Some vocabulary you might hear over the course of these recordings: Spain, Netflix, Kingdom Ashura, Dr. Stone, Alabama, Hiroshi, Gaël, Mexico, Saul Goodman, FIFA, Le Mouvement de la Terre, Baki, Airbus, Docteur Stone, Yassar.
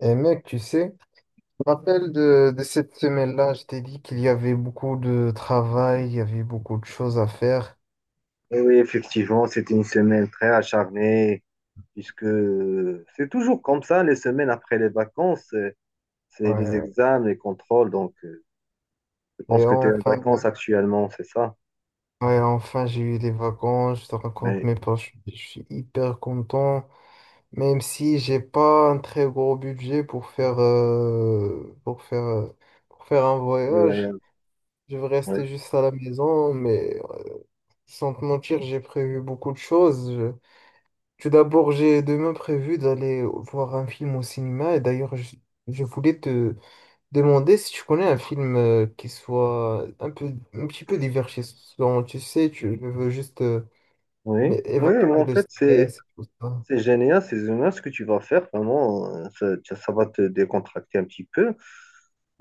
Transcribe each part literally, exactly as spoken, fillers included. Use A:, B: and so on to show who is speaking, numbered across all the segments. A: Et mec, tu sais, je me rappelle de, de cette semaine-là, je t'ai dit qu'il y avait beaucoup de travail, il y avait beaucoup de choses à faire.
B: Et oui, effectivement, c'était une semaine très acharnée, puisque c'est toujours comme ça, les semaines après les vacances, euh, c'est les
A: Ouais.
B: examens, les contrôles. Donc, euh, je pense
A: Et
B: que tu es en
A: enfin, mec,
B: vacances actuellement, c'est ça?
A: ouais, enfin j'ai eu des vacances, je te raconte
B: Oui,
A: mes poches, je je suis hyper content, même si j'ai pas un très gros budget pour faire, euh, pour faire, euh, pour faire un
B: oui,
A: voyage.
B: oui.
A: Je vais
B: Oui,
A: rester juste à la maison, mais euh, sans te mentir, j'ai prévu beaucoup de choses. Tout d'abord, j'ai demain prévu d'aller voir un film au cinéma et d'ailleurs, je, je voulais te demander si tu connais un film euh, qui soit un peu, un petit peu divertissant. Tu sais, tu, je veux juste euh,
B: oui,
A: m'é-
B: oui,
A: évacuer
B: mais en
A: le
B: fait, c'est
A: stress et tout ça.
B: c'est génial, c'est génial ce que tu vas faire, vraiment, euh, ça, ça- ça va te décontracter un petit peu.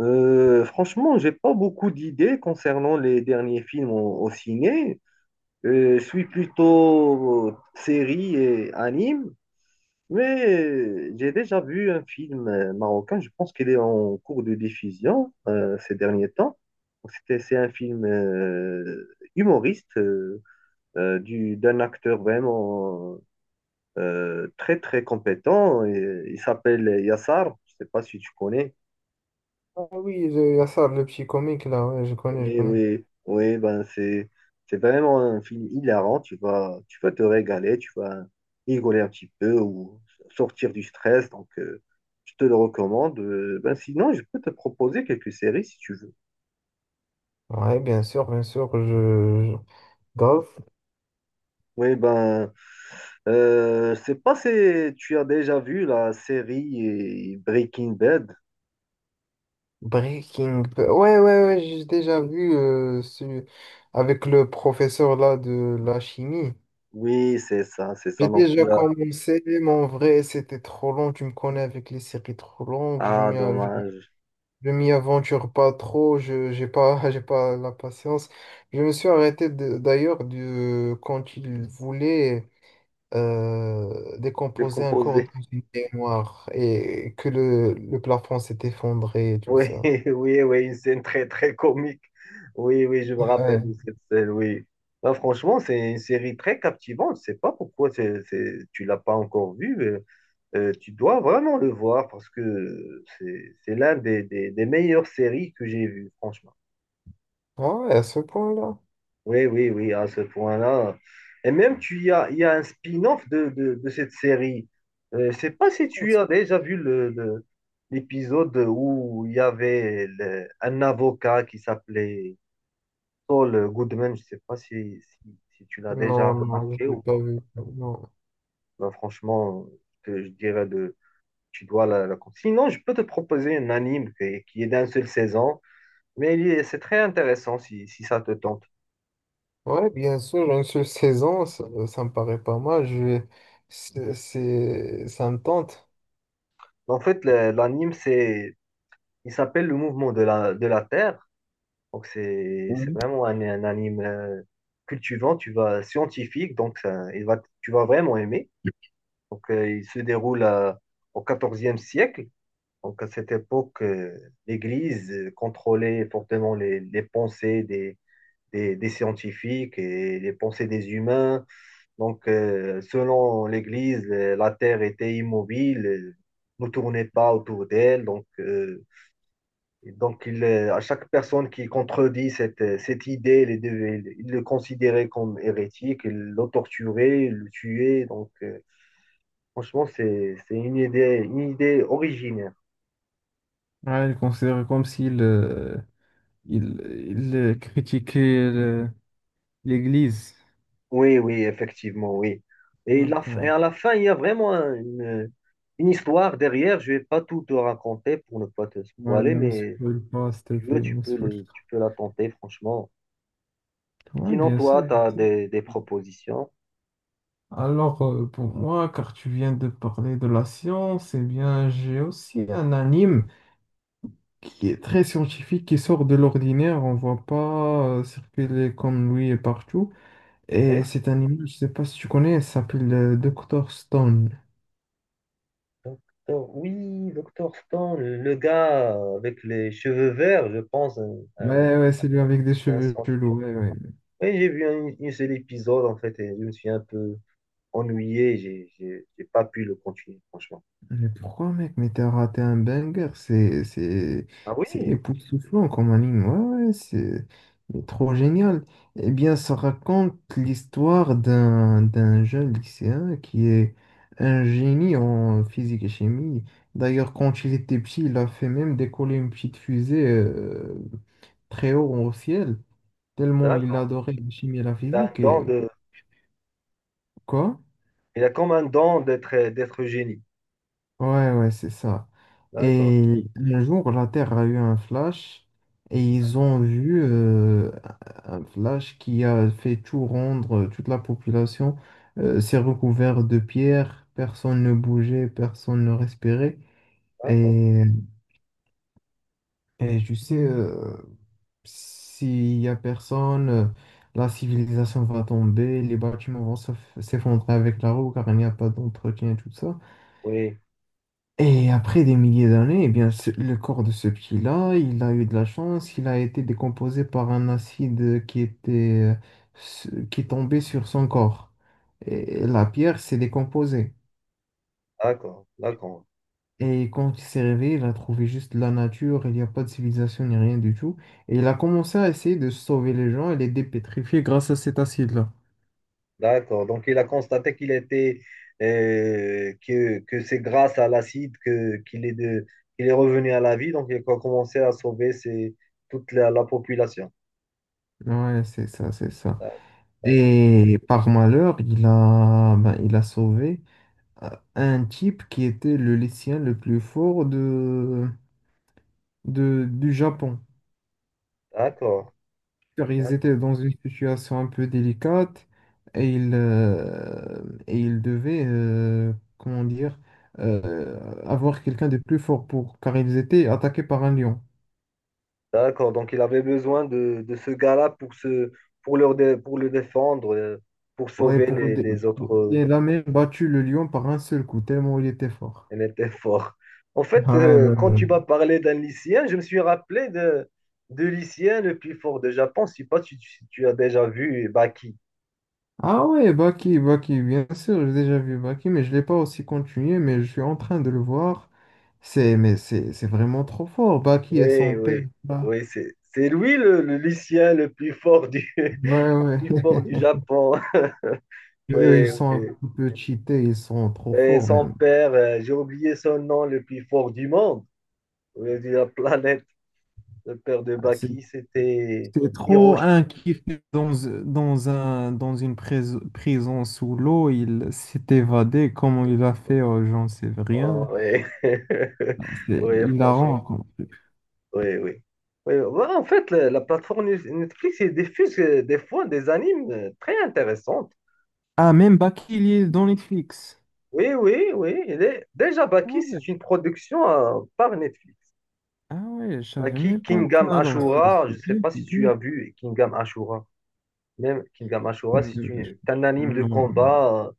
B: Euh, franchement, j'ai pas beaucoup d'idées concernant les derniers films au, au ciné. Euh, je suis plutôt euh, série et anime, mais j'ai déjà vu un film euh, marocain, je pense qu'il est en cours de diffusion euh, ces derniers temps. C'était, c'est un film euh, humoriste euh, euh, du, d'un acteur vraiment euh, très très compétent. Il, il s'appelle Yassar, je ne sais pas si tu connais.
A: Ah oui, il y a ça, le petit comique là, ouais, je connais, je
B: Oui,
A: connais.
B: oui, oui, ben c'est c'est vraiment un film hilarant. Tu vas, tu vas te régaler, tu vas rigoler un petit peu ou sortir du stress. Donc, euh, je te le recommande. Euh, ben sinon, je peux te proposer quelques séries si tu veux.
A: Ouais, bien sûr, bien sûr, je, je- grave.
B: Oui, ben, euh, je sais pas si tu as déjà vu la série euh, Breaking Bad.
A: Breaking Bad. Ouais, ouais, ouais, j'ai déjà vu euh, celui- avec le professeur là de la chimie.
B: Oui, c'est ça, c'est ça.
A: J'ai
B: Donc,
A: déjà
B: tu as-
A: commencé, mais en vrai, c'était trop long. Tu me connais avec les séries trop longues. Je
B: ah,
A: m'y av-
B: dommage,
A: je m'y aventure pas trop. Je j'ai pas, j'ai pas la patience. Je me suis arrêté de- d'ailleurs de, quand il voulait euh, décomposer un corps
B: décomposé.
A: dans une noire et que le, le plafond s'est effondré et tout
B: Oui,
A: ça.
B: oui, oui, une scène très, très comique. Oui, oui, je me rappelle
A: Ouais.
B: de cette scène, oui. Bah, franchement, c'est une série très captivante. Je sais pas pourquoi c'est, c'est- tu l'as pas encore vue, mais, euh, tu dois vraiment le voir parce que c'est, c'est l'un des, des, des meilleures séries que j'ai vues, franchement.
A: Ah ouais, à ce point-là.
B: Oui, oui, oui, à ce point-là. Et même, tu y as, il y a un spin-off de, de, de cette série. Euh, je sais pas si tu as déjà vu le, le- l'épisode où il y avait le- un avocat qui s'appelait Saul Goodman. Je sais pas si, si, si tu l'as déjà
A: Non, non, je
B: remarqué
A: l'ai
B: ou
A: pas
B: pas.
A: vu. Non.
B: Ben, franchement, que je dirais de, tu dois la, la... Sinon, je peux te proposer un anime qui, qui est d'un seul saison, mais il est- c'est très intéressant si, si ça te tente.
A: Ouais, bien sûr, une seule saison, ça, ça me paraît pas mal. Je vais- c'est, c'est- ça me tente.
B: En fait, le- l'anime, c'est il s'appelle Le Mouvement de la, de la Terre. Donc, c'est, c'est vraiment un, un anime euh, cultivant, tu vas, scientifique, donc ça- il va, tu vas vraiment aimer. Donc, euh, il se déroule à- Au quatorzième siècle. Donc, à cette époque, euh, l'Église euh, contrôlait fortement les, les pensées des, des, des scientifiques et les pensées des humains. Donc, euh, selon l'Église, euh, la Terre était immobile, euh, ne tournait pas autour d'elle. Donc, euh, et donc, il, euh, à chaque personne qui contredit cette, euh, cette idée, il, devait- il le considérait comme hérétique, il le torturait, il le tuait. Donc, euh, franchement, c'est, c'est une idée, une idée originaire.
A: Ouais, il considère comme s'il euh, il, il, euh, critiquait le- l'Église.
B: Oui, oui, effectivement, oui. Et, la f- et
A: D'accord.
B: à la fin, il y a vraiment un- une, une histoire derrière. Je vais pas tout te raconter pour ne pas te
A: Ouais,
B: spoiler,
A: ne me
B: mais
A: spoil pas, s'il te
B: tu veux,
A: plaît, ne
B: tu
A: me
B: peux
A: spoil
B: le, tu
A: pas.
B: peux la tenter, franchement.
A: Ouais,
B: Sinon,
A: bien sûr.
B: toi, tu
A: Bien
B: as
A: sûr.
B: des, des propositions.
A: Alors, euh, pour moi, car tu viens de parler de la science, eh bien, j'ai aussi un anime qui est très scientifique, qui sort de l'ordinaire, on ne voit pas euh, circuler comme lui partout.
B: Oui.
A: Et cet animal, je ne sais pas si tu connais, il s'appelle euh, docteur Stone.
B: Docteur- oui, Docteur Stone, le gars avec les cheveux verts, je pense, un, un-
A: Ouais, ouais, c'est lui avec des
B: un
A: cheveux
B: scientifique.
A: chelous. Ouais,
B: Oui,
A: ouais.
B: j'ai vu un, un seul épisode, en fait, et je me suis un peu ennuyé, j'ai j'ai- j'ai pas pu le continuer, franchement.
A: Mais pourquoi, mec? Mais t'as raté un banger. C'est, c'est,
B: Ah
A: c'est
B: oui,
A: époustouflant comme anime. Ouais, ouais, c'est mais trop génial. Eh bien, ça raconte l'histoire d'un, d'un jeune lycéen qui est un génie en physique et chimie. D'ailleurs, quand il était petit, il a fait même décoller une petite fusée euh, très haut au ciel, tellement il
B: d'accord.
A: adorait la chimie et la
B: Il a un
A: physique.
B: don
A: Et
B: de,
A: quoi?
B: il a comme un don d'être d'être génie.
A: Ouais, ouais, c'est ça.
B: D'accord,
A: Et un jour, la Terre a eu un flash et ils ont vu euh, un flash qui a fait tout rendre, euh, toute la population euh, s'est recouverte de pierres, personne ne bougeait, personne ne respirait.
B: d'accord.
A: Et, et tu sais, euh, s'il y a personne, euh, la civilisation va tomber, les bâtiments vont s'eff- s'effondrer avec la roue car il n'y a pas d'entretien et tout ça.
B: Oui,
A: Et après des milliers d'années, eh bien, ce- le corps de ce pied-là, il a eu de la chance, il a été décomposé par un acide qui était, ce- qui tombait sur son corps. Et la pierre s'est décomposée.
B: d'accord, d'accord.
A: Et quand il s'est réveillé, il a trouvé juste la nature, il n'y a pas de civilisation ni rien du tout. Et il a commencé à essayer de sauver les gens et les dépétrifier grâce à cet acide-là.
B: D'accord. Donc, il a constaté qu'il était euh, que, que c'est grâce à l'acide que qu'il est de qu'il est revenu à la vie. Donc, il a commencé à sauver ses- toute la, la population.
A: Ouais, c'est ça, c'est ça.
B: D'accord. D'accord.
A: Et par malheur, il a, ben, il a sauvé à un type qui était le lycéen le plus fort de, de- du Japon.
B: D'accord.
A: Car ils
B: D'accord.
A: étaient dans une situation un peu délicate et ils, euh, et ils devaient, euh, comment dire, euh, avoir quelqu'un de plus fort pour, car ils étaient attaqués par un lion.
B: D'accord. Donc, il avait besoin de, de ce gars-là pour se pour leur dé- pour le défendre, euh, pour
A: Ouais,
B: sauver
A: pour, le
B: les,
A: dé-
B: les autres. euh,
A: et il a même battu le lion par un seul coup, tellement il était fort.
B: Elle était fort. En fait,
A: Ouais, ouais,
B: euh, quand
A: ouais.
B: tu m'as parlé d'un lycéen, je me suis rappelé de, de lycéen le plus fort de Japon. Je ne sais pas si tu, si tu as déjà vu Baki.
A: Ah ouais, Baki, Baki, bien sûr, j'ai déjà vu Baki, mais je ne l'ai pas aussi continué, mais je suis en train de le voir. C'est, mais c'est, c'est vraiment trop fort, Baki et
B: Oui,
A: son père
B: oui,
A: là.
B: oui, c'est, c'est lui le, le lycéen le plus fort du,
A: Ouais, ouais.
B: plus fort du Japon.
A: Eux, ils
B: Oui,
A: sont un
B: oui.
A: petit peu cheatés, ils sont trop
B: Et
A: forts
B: son
A: même.
B: père, euh, j'ai oublié son nom, le plus fort du monde, oui, de la planète. Le père de
A: Ah, c'est
B: Baki, c'était
A: c'est trop
B: Hiroshi.
A: un kiff dans, dans un, dans une prise- prison sous l'eau, il s'est évadé, comment il a fait, euh, j'en sais
B: Oh,
A: rien.
B: oui.
A: Ah, c'est
B: Oui,
A: hilarant.
B: franchement.
A: Quoi.
B: Oui, oui. Oui, voilà en fait, la, la plateforme Net- Netflix, il diffuse euh, des fois des animes euh, très intéressantes.
A: Ah, même Baki, il est dans Netflix.
B: Oui, oui, oui. Il est... Déjà,
A: Ah
B: Baki,
A: ouais.
B: c'est une production euh, par Netflix.
A: Ah ouais, je savais
B: Baki,
A: même pas ça.
B: Kingdom
A: Alors, c'est
B: Ashura, je
A: c'est
B: ne sais
A: bien,
B: pas
A: c'est
B: si tu
A: bien.
B: as vu Kingdom Ashura. Même Kingdom Ashura, c'est
A: Mm.
B: une- c'est un anime de
A: Non, non.
B: combat.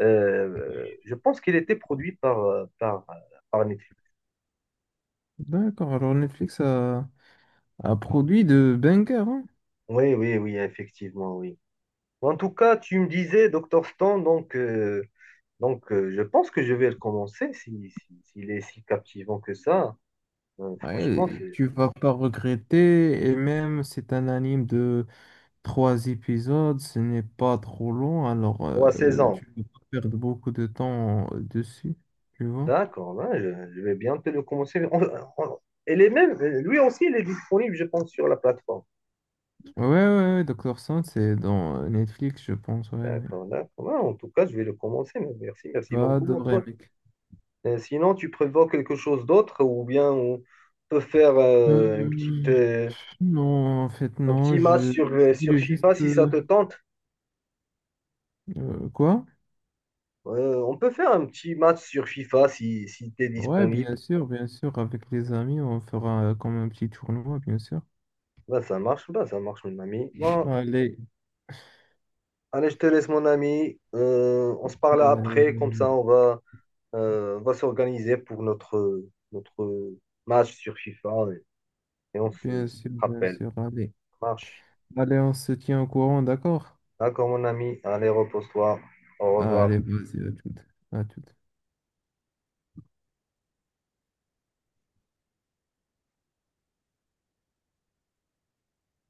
B: euh, euh, je pense qu'il était produit par, euh, par, euh, par Netflix.
A: D'accord, alors Netflix a, a produit de bangers, hein.
B: Oui, oui, oui, effectivement, oui. En tout cas, tu me disais, docteur Stone, donc. Euh, Donc, euh, je pense que je vais le commencer si, si- s'il est si captivant que ça. Euh, franchement,
A: Ouais,
B: c'est
A: tu vas pas regretter. Et même, c'est un anime de trois épisodes. Ce n'est pas trop long, alors
B: pour à seize
A: euh,
B: ans.
A: tu vas pas perdre beaucoup de temps euh, dessus. Tu vois?
B: D'accord, hein, je, je vais bien te le commencer. On- on- Elle est même, euh, lui aussi, il est disponible, je pense, sur la plateforme.
A: Ouais, ouais, ouais, Docteur Stone, c'est dans euh, Netflix, je pense. Ouais.
B: D'accord, d'accord. Ah, en tout cas, je vais le commencer. Mais merci, merci
A: Va
B: beaucoup, mon
A: adorer,
B: pote.
A: mec.
B: Euh, sinon, tu prévois quelque chose d'autre ou bien on peut faire
A: Euh,
B: euh, une petite, euh,
A: Non, en fait,
B: un
A: non,
B: petit match
A: je,
B: sur, euh,
A: je
B: sur
A: voulais juste…
B: FIFA si ça
A: euh,
B: te tente.
A: euh, quoi?
B: Euh, on peut faire un petit match sur FIFA si, si tu es
A: Ouais,
B: disponible.
A: bien sûr, bien sûr, avec les amis, on fera euh, comme un petit tournoi, bien sûr.
B: Bah, ça marche, bah, ça marche, mon ami. Bon,
A: Allez,
B: allez, je te laisse, mon ami. Euh, on se parle
A: allez,
B: après, comme
A: euh,
B: ça, on va, euh, on va s'organiser pour notre, notre match sur FIFA et, et on
A: bien
B: se
A: sûr, bien
B: rappelle.
A: sûr, allez.
B: Ça marche.
A: Allez, on se tient au courant, d'accord?
B: D'accord, mon ami. Allez, repose-toi. Au revoir.
A: Allez, vas-y, à tout. À tout.